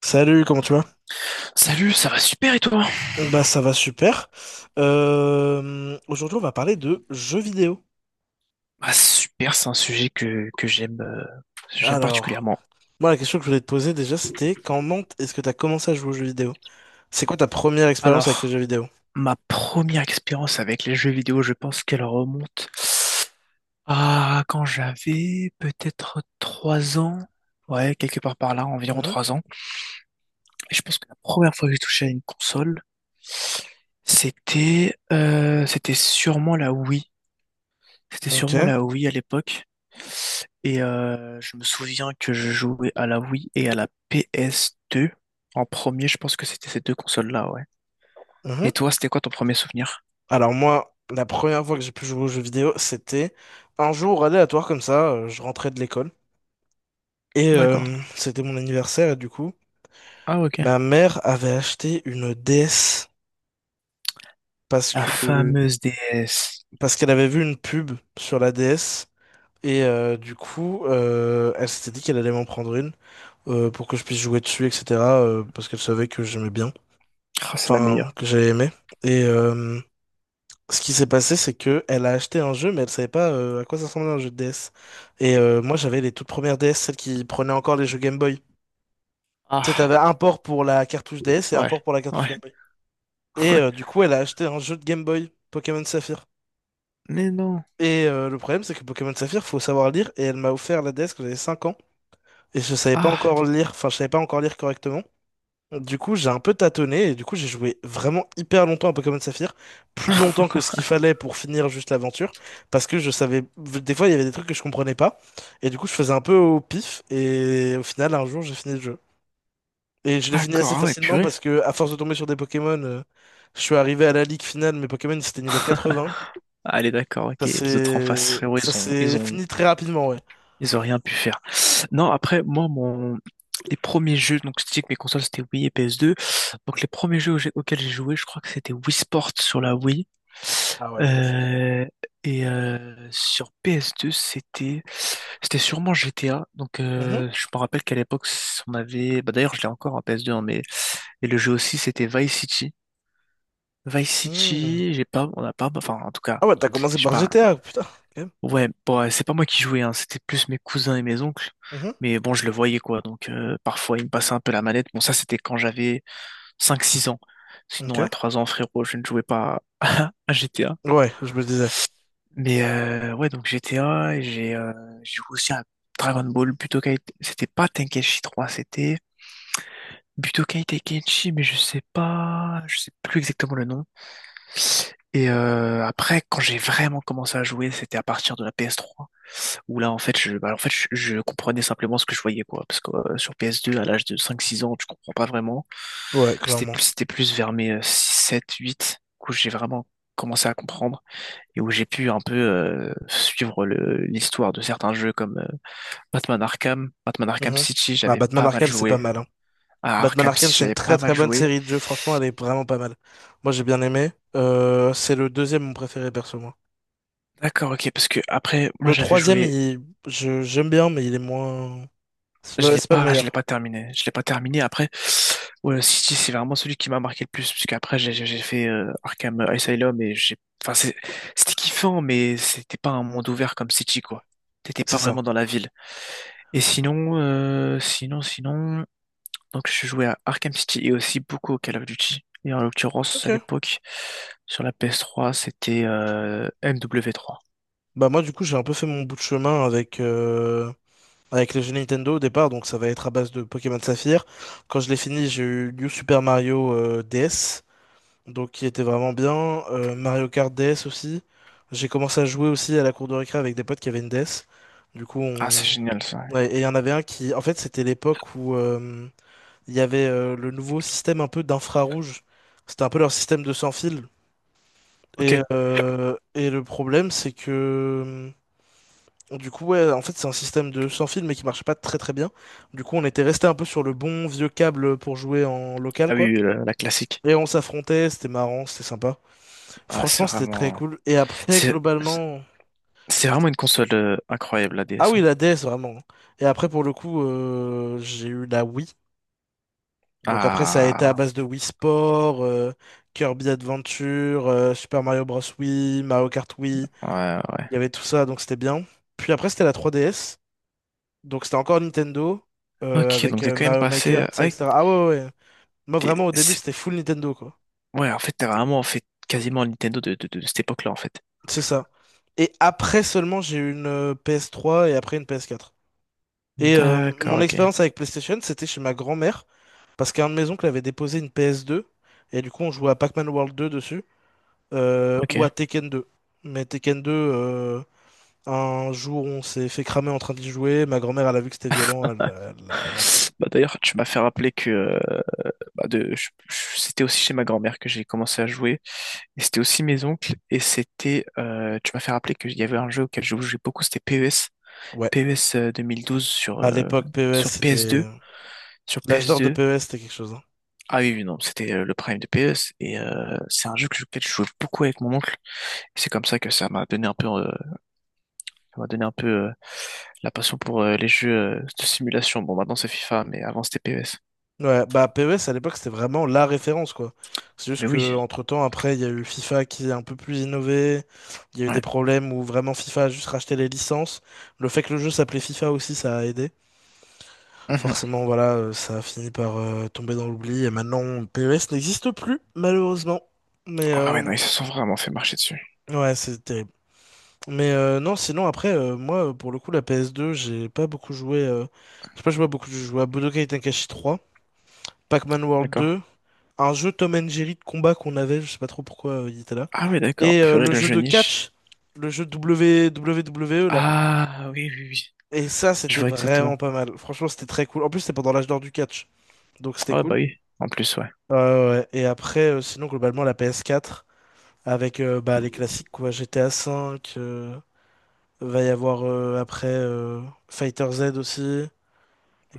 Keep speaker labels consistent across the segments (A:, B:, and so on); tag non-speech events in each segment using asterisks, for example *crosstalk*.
A: Salut, comment tu vas?
B: Salut, ça va super et toi?
A: Bah ça va super. Aujourd'hui on va parler de jeux vidéo.
B: Ah, super, c'est un sujet que j'aime
A: Alors,
B: particulièrement.
A: moi la question que je voulais te poser déjà c'était comment est-ce que t'as commencé à jouer aux jeux vidéo? C'est quoi ta première expérience avec les
B: Alors,
A: jeux vidéo?
B: ma première expérience avec les jeux vidéo, je pense qu'elle remonte à quand j'avais peut-être 3 ans. Ouais, quelque part par là, environ
A: Mhm.
B: 3 ans. Et je pense que la première fois que j'ai touché à une console, c'était sûrement la Wii. C'était sûrement
A: Ok.
B: la Wii à l'époque. Et je me souviens que je jouais à la Wii et à la PS2. En premier, je pense que c'était ces deux consoles-là, ouais.
A: Mhm.
B: Et toi, c'était quoi ton premier souvenir?
A: Alors moi, la première fois que j'ai pu jouer aux jeux vidéo, c'était un jour aléatoire comme ça, je rentrais de l'école.
B: D'accord.
A: C'était mon anniversaire et du coup,
B: Ah, ok.
A: ma mère avait acheté une DS parce
B: La
A: que
B: fameuse DS.
A: parce qu'elle avait vu une pub sur la DS. Elle s'était dit qu'elle allait m'en prendre une pour que je puisse jouer dessus, etc. Parce qu'elle savait que j'aimais bien,
B: Ah, c'est la
A: enfin
B: meilleure.
A: que j'avais aimé. Et euh, ce qui s'est passé, c'est que elle a acheté un jeu, mais elle savait pas à quoi ça ressemblait un jeu de DS. Moi, j'avais les toutes premières DS, celles qui prenaient encore les jeux Game Boy. Tu sais,
B: Ah,
A: t'avais un port pour la cartouche DS et un
B: ouais.
A: port pour la cartouche
B: Ouais.
A: Game Boy.
B: *laughs* ouais.
A: Du coup, elle a acheté un jeu de Game Boy, Pokémon Saphir.
B: Mais non.
A: Le problème, c'est que Pokémon Saphir, faut savoir lire, et elle m'a offert la DS quand j'avais 5 ans. Et je savais pas
B: Ah,
A: encore lire, enfin, je savais pas encore lire correctement. Du coup, j'ai un peu tâtonné et du coup, j'ai joué vraiment hyper longtemps à Pokémon Saphir, plus longtemps que ce qu'il fallait pour finir juste l'aventure, parce que je savais, des fois, il y avait des trucs que je comprenais pas, et du coup, je faisais un peu au pif, et au final, un jour, j'ai fini le jeu. Et je l'ai fini assez
B: d'accord. Ah ouais,
A: facilement
B: purée.
A: parce que, à force de tomber sur des Pokémon, je suis arrivé à la ligue finale, mes Pokémon, c'était niveau 80.
B: Allez, d'accord, ok. Les autres en face, frérot,
A: Ça s'est fini très rapidement, ouais.
B: ils ont rien pu faire. Non, après, moi, les premiers jeux, donc je te dis que mes consoles c'était Wii et PS2. Donc les premiers jeux auxquels j'ai joué, je crois que c'était Wii Sport sur la Wii.
A: Ah ouais, classique.
B: Euh, et sur PS2, c'était sûrement GTA. Donc
A: Mhm.
B: je me rappelle qu'à l'époque, on avait. Bah, d'ailleurs, je l'ai encore en PS2, hein, mais et le jeu aussi, c'était Vice City. Vice
A: Mhm.
B: City, j'ai pas, on n'a pas, enfin en tout cas,
A: Ah ouais, t'as commencé
B: j'ai
A: par
B: pas.
A: GTA, putain. Ok.
B: Ouais, bon, ouais, c'est pas moi qui jouais, hein, c'était plus mes cousins et mes oncles.
A: Mhm.
B: Mais bon, je le voyais quoi, donc parfois ils me passaient un peu la manette. Bon, ça c'était quand j'avais cinq six ans. Sinon, à
A: Ok.
B: 3 ans, frérot, je ne jouais pas *laughs* à GTA.
A: Ouais, je me disais.
B: Mais ouais, donc GTA, et j'ai joué aussi à Dragon Ball, Budokai. C'était pas Tenkaichi 3, c'était Budokai Tenkaichi, mais je sais pas, je sais plus exactement le nom. Et après, quand j'ai vraiment commencé à jouer, c'était à partir de la PS3, où là, en fait, bah, en fait, je comprenais simplement ce que je voyais, quoi. Parce que sur PS2, à l'âge de cinq six ans, tu comprends pas vraiment.
A: Ouais,
B: C'était
A: clairement.
B: plus, c'était plus vers mes sept huit où j'ai vraiment commencé à comprendre et où j'ai pu un peu suivre l'histoire de certains jeux comme Batman Arkham, Batman Arkham
A: Mhm.
B: City,
A: Ah,
B: j'avais
A: Batman
B: pas mal
A: Arkham, c'est pas
B: joué.
A: mal, hein.
B: À
A: Batman
B: Arkham
A: Arkham,
B: City,
A: c'est une
B: j'avais
A: très
B: pas
A: très
B: mal
A: bonne
B: joué.
A: série de jeux. Franchement, elle est vraiment pas mal. Moi, j'ai bien aimé. C'est le deuxième mon préféré, perso, moi.
B: D'accord, ok, parce que après, moi
A: Le
B: j'avais
A: troisième,
B: joué.
A: j'aime bien, mais il est moins.
B: Je l'ai
A: C'est pas le
B: pas, je l'ai
A: meilleur.
B: pas terminé. Je l'ai pas terminé. Après, ouais, City, c'est vraiment celui qui m'a marqué le plus, parce qu'après, j'ai fait Arkham Asylum et enfin, c'était kiffant, mais c'était pas un monde ouvert comme City, quoi. T'étais
A: C'est
B: pas
A: ça.
B: vraiment dans la ville. Et sinon, donc je jouais à Arkham City et aussi beaucoup au Call of Duty. Et en l'occurrence, à
A: Ok.
B: l'époque, sur la PS3 c'était MW3.
A: Bah moi, du coup, j'ai un peu fait mon bout de chemin avec les jeux Nintendo au départ, donc ça va être à base de Pokémon Saphir. Quand je l'ai fini, j'ai eu New Super Mario DS, donc qui était vraiment bien. Mario Kart DS aussi. J'ai commencé à jouer aussi à la cour de récré avec des potes qui avaient une DS. Du coup,
B: Ah, c'est
A: on...
B: génial ça.
A: ouais, et il y en avait un qui, en fait, c'était l'époque où il y avait le nouveau système un peu d'infrarouge. C'était un peu leur système de sans fil.
B: Ok.
A: Et le problème, c'est que du coup, ouais, en fait, c'est un système de sans fil, mais qui marchait pas très très bien. Du coup, on était resté un peu sur le bon vieux câble pour jouer en local,
B: Ah oui,
A: quoi.
B: oui, la classique.
A: Et on s'affrontait, c'était marrant, c'était sympa.
B: Ah, c'est
A: Franchement, c'était très
B: vraiment.
A: cool. Et après,
B: C'est
A: globalement.
B: C'est vraiment une console incroyable, la
A: Ah
B: DS,
A: oui,
B: hein.
A: la DS, vraiment. Et après, pour le coup, j'ai eu la Wii. Donc après, ça a été à
B: Ah,
A: base de Wii Sport, Kirby Adventure, Super Mario Bros. Wii, Mario Kart Wii.
B: ouais, ouais.
A: Il y avait tout ça, donc c'était bien. Puis après, c'était la 3DS. Donc c'était encore Nintendo,
B: Ok,
A: avec
B: donc t'es quand même
A: Mario
B: passé...
A: Maker, tout ça, etc. Ah ouais, ouais, ouais. Moi,
B: t'es-
A: vraiment, au début,
B: c'est-
A: c'était full Nintendo, quoi.
B: Ouais, en fait, t'as vraiment fait quasiment le Nintendo de cette époque-là, en fait.
A: C'est ça. Et après seulement, j'ai eu une PS3 et après une PS4.
B: D'accord,
A: Mon
B: ok,
A: expérience avec PlayStation, c'était chez ma grand-mère, parce qu'un de mes oncles avait déposé une PS2, et du coup on jouait à Pac-Man World 2 dessus,
B: ok.
A: ou à Tekken 2. Mais Tekken 2, un jour on s'est fait cramer en train d'y jouer, ma grand-mère elle a vu que c'était violent, elle a pris.
B: Bah d'ailleurs, tu m'as fait rappeler que bah, c'était aussi chez ma grand-mère que j'ai commencé à jouer, et c'était aussi mes oncles, et tu m'as fait rappeler qu'il y avait un jeu auquel je jouais beaucoup, c'était PES.
A: Ouais,
B: PES 2012 sur,
A: à
B: euh,
A: l'époque PES
B: sur PS2,
A: c'était...
B: sur
A: L'âge d'or de
B: PS2.
A: PES c'était quelque chose, hein.
B: Ah oui, oui, non, c'était le Prime de PS et c'est un jeu que, auquel je jouais beaucoup avec mon oncle. Et c'est comme ça que ça m'a donné un peu, ça m'a donné un peu euh, la passion pour les jeux de simulation. Bon, maintenant c'est FIFA, mais avant c'était PS.
A: Ouais, bah PES à l'époque c'était vraiment la référence quoi. C'est juste
B: Mais
A: que
B: oui,
A: entre-temps après il y a eu FIFA qui est un peu plus innové, il y a eu des
B: ouais.
A: problèmes où vraiment FIFA a juste racheté les licences. Le fait que le jeu s'appelait FIFA aussi ça a aidé.
B: Mhm.
A: Forcément voilà, ça a fini par tomber dans l'oubli et maintenant PES n'existe plus malheureusement. Mais
B: Ah ouais,
A: euh,
B: non, ils se sont vraiment fait marcher dessus.
A: ouais, c'est terrible. Mais non, sinon après moi pour le coup la PS2, j'ai pas beaucoup joué j'ai pas joué à beaucoup de jeux, j'ai joué à Budokai Tenkaichi 3, Pac-Man World
B: D'accord.
A: 2, un jeu Tom and Jerry de combat qu'on avait, je sais pas trop pourquoi il était là.
B: Ah oui, d'accord. Purée,
A: Le
B: le
A: jeu
B: jeu
A: de
B: niche.
A: catch, le jeu W W E là.
B: Ah oui, oui, oui.
A: Et ça,
B: Je
A: c'était
B: vois exactement.
A: vraiment pas mal. Franchement, c'était très cool. En plus, c'était pendant l'âge d'or du catch, donc c'était
B: Ouais, bah
A: cool.
B: oui. En plus, ouais.
A: Ouais. Et après, sinon, globalement, la PS4, avec bah, les classiques, quoi. GTA V, va y avoir après Fighter Z aussi,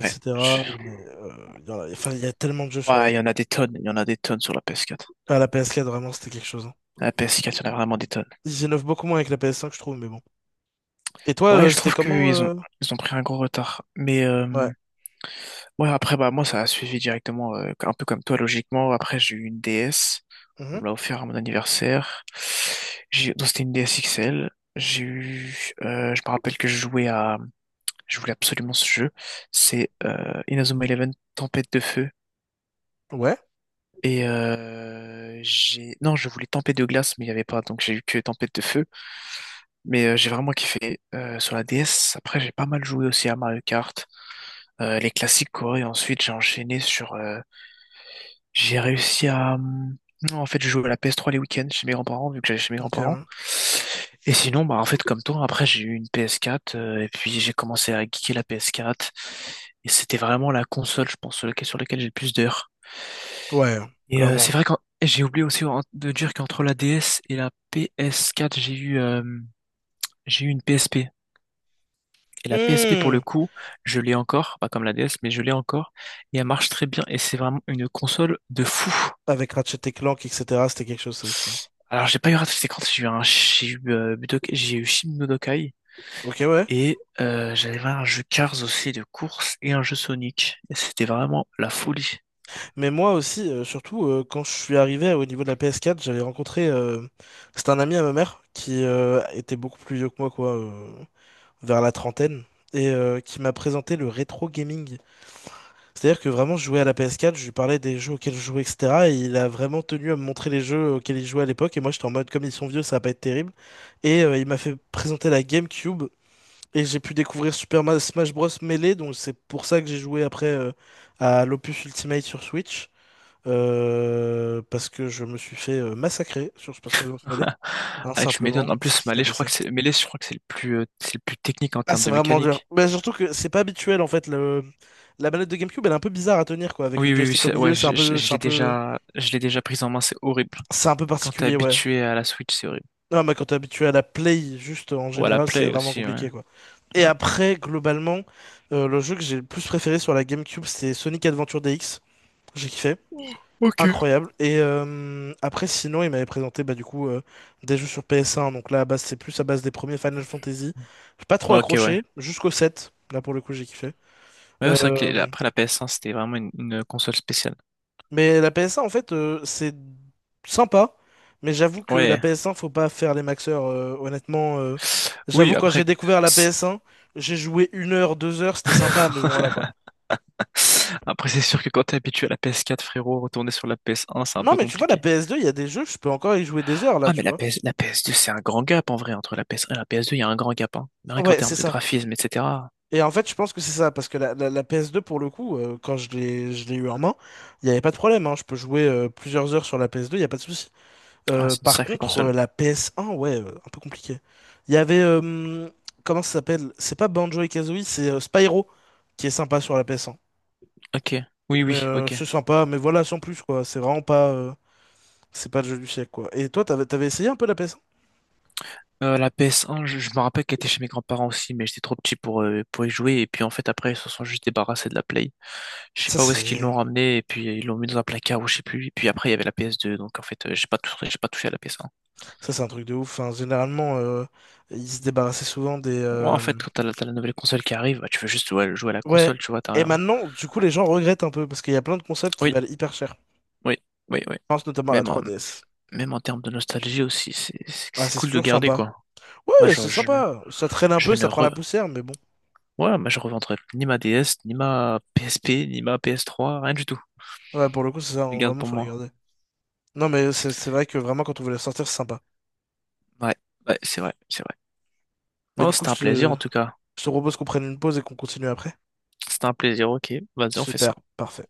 B: Ouais.
A: Mais, enfin, il y a tellement de jeux sur la,
B: Ouais, il y en a des tonnes. Il y en a des tonnes sur la PS4.
A: à la PS4, vraiment, c'était quelque chose, hein.
B: La PS4, il y en a vraiment des tonnes.
A: Ils innovent beaucoup moins avec la PS5, je trouve, mais bon. Et toi,
B: Ouais, je
A: c'était
B: trouve
A: comment
B: qu'ils ont, ils ont pris un gros retard. Mais
A: Ouais.
B: ouais, après, bah, moi, ça a suivi directement, un peu comme toi, logiquement. Après, j'ai eu une DS. On
A: Mhm.
B: me l'a offert à mon anniversaire. J'ai, donc, c'était une DS XL. J'ai eu, je me rappelle que je jouais à, je voulais absolument ce jeu. C'est Inazuma Eleven Tempête de Feu.
A: Ouais.
B: Et non, je voulais Tempête de Glace, mais il n'y avait pas, donc j'ai eu que Tempête de Feu. Mais j'ai vraiment kiffé sur la DS. Après, j'ai pas mal joué aussi à Mario Kart, les classiques quoi. Et ensuite, j'ai enchaîné sur. J'ai réussi à. Non, en fait, je joue à la PS3 les week-ends chez mes grands-parents, vu que j'allais chez mes
A: Ok.
B: grands-parents.
A: Ouais,
B: Et sinon, bah, en fait, comme toi, après, j'ai eu une PS4 et puis j'ai commencé à geeker la PS4. Et c'était vraiment la console, je pense, sur laquelle j'ai le plus d'heures.
A: ouais,
B: Et
A: clairement.
B: c'est vrai que j'ai oublié aussi de dire qu'entre la DS et la PS4 j'ai eu une PSP. Et la PSP, pour le
A: Hmm.
B: coup, je l'ai encore, pas comme la DS, mais je l'ai encore. Et elle marche très bien. Et c'est vraiment une console de fou.
A: Avec Ratchet et Clank, etc., c'était quelque chose, ça aussi, hein.
B: Alors, j'ai pas eu Ratchet Clank, j'ai eu un, j'ai eu, j'ai eu Shin no Dokai.
A: Ok, ouais.
B: Et j'avais un jeu Cars aussi de course et un jeu Sonic. Et c'était vraiment la folie.
A: Mais moi aussi, surtout, quand je suis arrivé au niveau de la PS4, j'avais rencontré. C'était un ami à ma mère qui était beaucoup plus vieux que moi, quoi, vers la trentaine, qui m'a présenté le rétro gaming. C'est-à-dire que vraiment, je jouais à la PS4, je lui parlais des jeux auxquels je jouais, etc. Et il a vraiment tenu à me montrer les jeux auxquels il jouait à l'époque. Et moi, j'étais en mode, comme ils sont vieux, ça va pas être terrible. Il m'a fait présenter la GameCube. Et j'ai pu découvrir Smash Bros. Melee. Donc, c'est pour ça que j'ai joué après à l'Opus Ultimate sur Switch, parce que je me suis fait massacrer sur Super Smash Bros. Melee.
B: *laughs*
A: Hein,
B: Ah, tu
A: simplement,
B: m'étonnes. En
A: c'est ce
B: plus,
A: qui s'est
B: Melee, je crois
A: passé.
B: que c'est Melee, je crois que c'est le plus technique en
A: Ah,
B: termes
A: c'est
B: de
A: vraiment dur.
B: mécanique.
A: Mais surtout que c'est pas habituel, en fait. Le... la manette de GameCube, elle est un peu bizarre à tenir, quoi. Avec le
B: Oui, oui, oui,
A: joystick au milieu,
B: ouais,
A: c'est un
B: je, je-
A: peu,
B: je
A: c'est un
B: l'ai
A: peu.
B: déjà, je l'ai déjà prise en main, c'est horrible.
A: C'est un peu
B: Quand t'es
A: particulier, ouais.
B: habitué à la Switch, c'est horrible.
A: Non, mais quand t'es habitué à la play, juste en
B: Ou à la
A: général, c'est
B: Play
A: vraiment
B: aussi, ouais.
A: compliqué, quoi. Et après, globalement, le jeu que j'ai le plus préféré sur la GameCube, c'était Sonic Adventure DX. J'ai kiffé.
B: Ok.
A: Incroyable. Après, sinon, il m'avait présenté bah, du coup des jeux sur PS1. Donc là, à base, c'est plus à base des premiers Final Fantasy. J'ai pas trop
B: Ok, ouais.
A: accroché, jusqu'au 7. Là, pour le coup, j'ai kiffé.
B: Ouais, c'est vrai que
A: Euh,
B: après la PS1, c'était vraiment une console spéciale.
A: Mais la PS1, en fait, c'est sympa. Mais j'avoue que la
B: Ouais.
A: PS1, faut pas faire les maxeurs, honnêtement. J'avoue,
B: Oui,
A: quand j'ai
B: après,
A: découvert la
B: c'est-
A: PS1, j'ai joué 1 heure, 2 heures, c'était sympa, mais bon, voilà quoi.
B: *laughs* après c'est sûr que quand t'es habitué à la PS4, frérot, retourner sur la PS1, c'est un
A: Non,
B: peu
A: mais tu vois, la
B: compliqué.
A: PS2, il y a des jeux, je peux encore y jouer des heures là,
B: Ah, mais
A: tu vois.
B: la PS2, c'est un grand gap en vrai entre la PS1 et la PS2, il y a un grand gap, hein. Rien qu'en
A: Ouais,
B: termes
A: c'est
B: de
A: ça.
B: graphisme, etc.
A: Et en fait, je pense que c'est ça, parce que la PS2, pour le coup, quand je l'ai eu en main, il n'y avait pas de problème, hein, je peux jouer plusieurs heures sur la PS2, il n'y a pas de souci.
B: Ah, c'est une
A: Par
B: sacrée
A: contre,
B: console.
A: la PS1, ouais, un peu compliqué. Il y avait, comment ça s'appelle? C'est pas Banjo-Kazooie, et Kazooie, c'est Spyro qui est sympa sur la PS1.
B: Ok. Oui,
A: Mais
B: oui, ok.
A: c'est sympa, mais voilà, sans plus quoi. C'est vraiment pas, c'est pas le jeu du siècle quoi. Et toi, t'avais essayé un peu la PS1?
B: La PS1, je me rappelle qu'elle était chez mes grands-parents aussi, mais j'étais trop petit pour y jouer. Et puis en fait, après, ils se sont juste débarrassés de la Play. Je sais
A: Ça
B: pas où est-ce qu'ils
A: c'est,
B: l'ont ramené et puis ils l'ont mis dans un placard ou je sais plus. Et puis après il y avait la PS2 donc en fait j'ai pas touché à la PS1.
A: ça c'est un truc de ouf. Enfin, généralement, ils se débarrassaient souvent des,
B: Ouais, en fait quand t'as la nouvelle console qui arrive, bah, tu veux juste ouais, jouer à la
A: ouais.
B: console, tu vois, t'as
A: Et
B: rien.
A: maintenant, du coup, les gens regrettent un peu parce qu'il y a plein de consoles qui
B: Oui,
A: valent hyper cher. Je
B: oui, oui, oui.
A: pense notamment à la
B: Même en,
A: 3DS.
B: même en termes de nostalgie aussi, c'est c'est-
A: Ah,
B: c'est
A: c'est
B: cool de
A: toujours
B: garder
A: sympa.
B: quoi. Moi
A: Ouais, c'est sympa. Ça traîne un
B: je
A: peu,
B: ne
A: ça prend
B: re...
A: la poussière, mais bon.
B: ouais, moi, je revendrai ni ma DS, ni ma PSP, ni ma PS3, rien du tout.
A: Ouais, pour le coup, c'est
B: Je
A: ça,
B: les garde
A: vraiment,
B: pour
A: faut les
B: moi.
A: garder. Non, mais c'est vrai que vraiment, quand on veut les sortir, c'est sympa.
B: Ouais, ouais, c'est vrai, c'est vrai.
A: Mais
B: Oh,
A: du coup,
B: c'était un plaisir en tout cas.
A: je te propose qu'on prenne une pause et qu'on continue après.
B: C'était un plaisir, ok. Vas-y, on fait
A: Super,
B: ça.
A: parfait.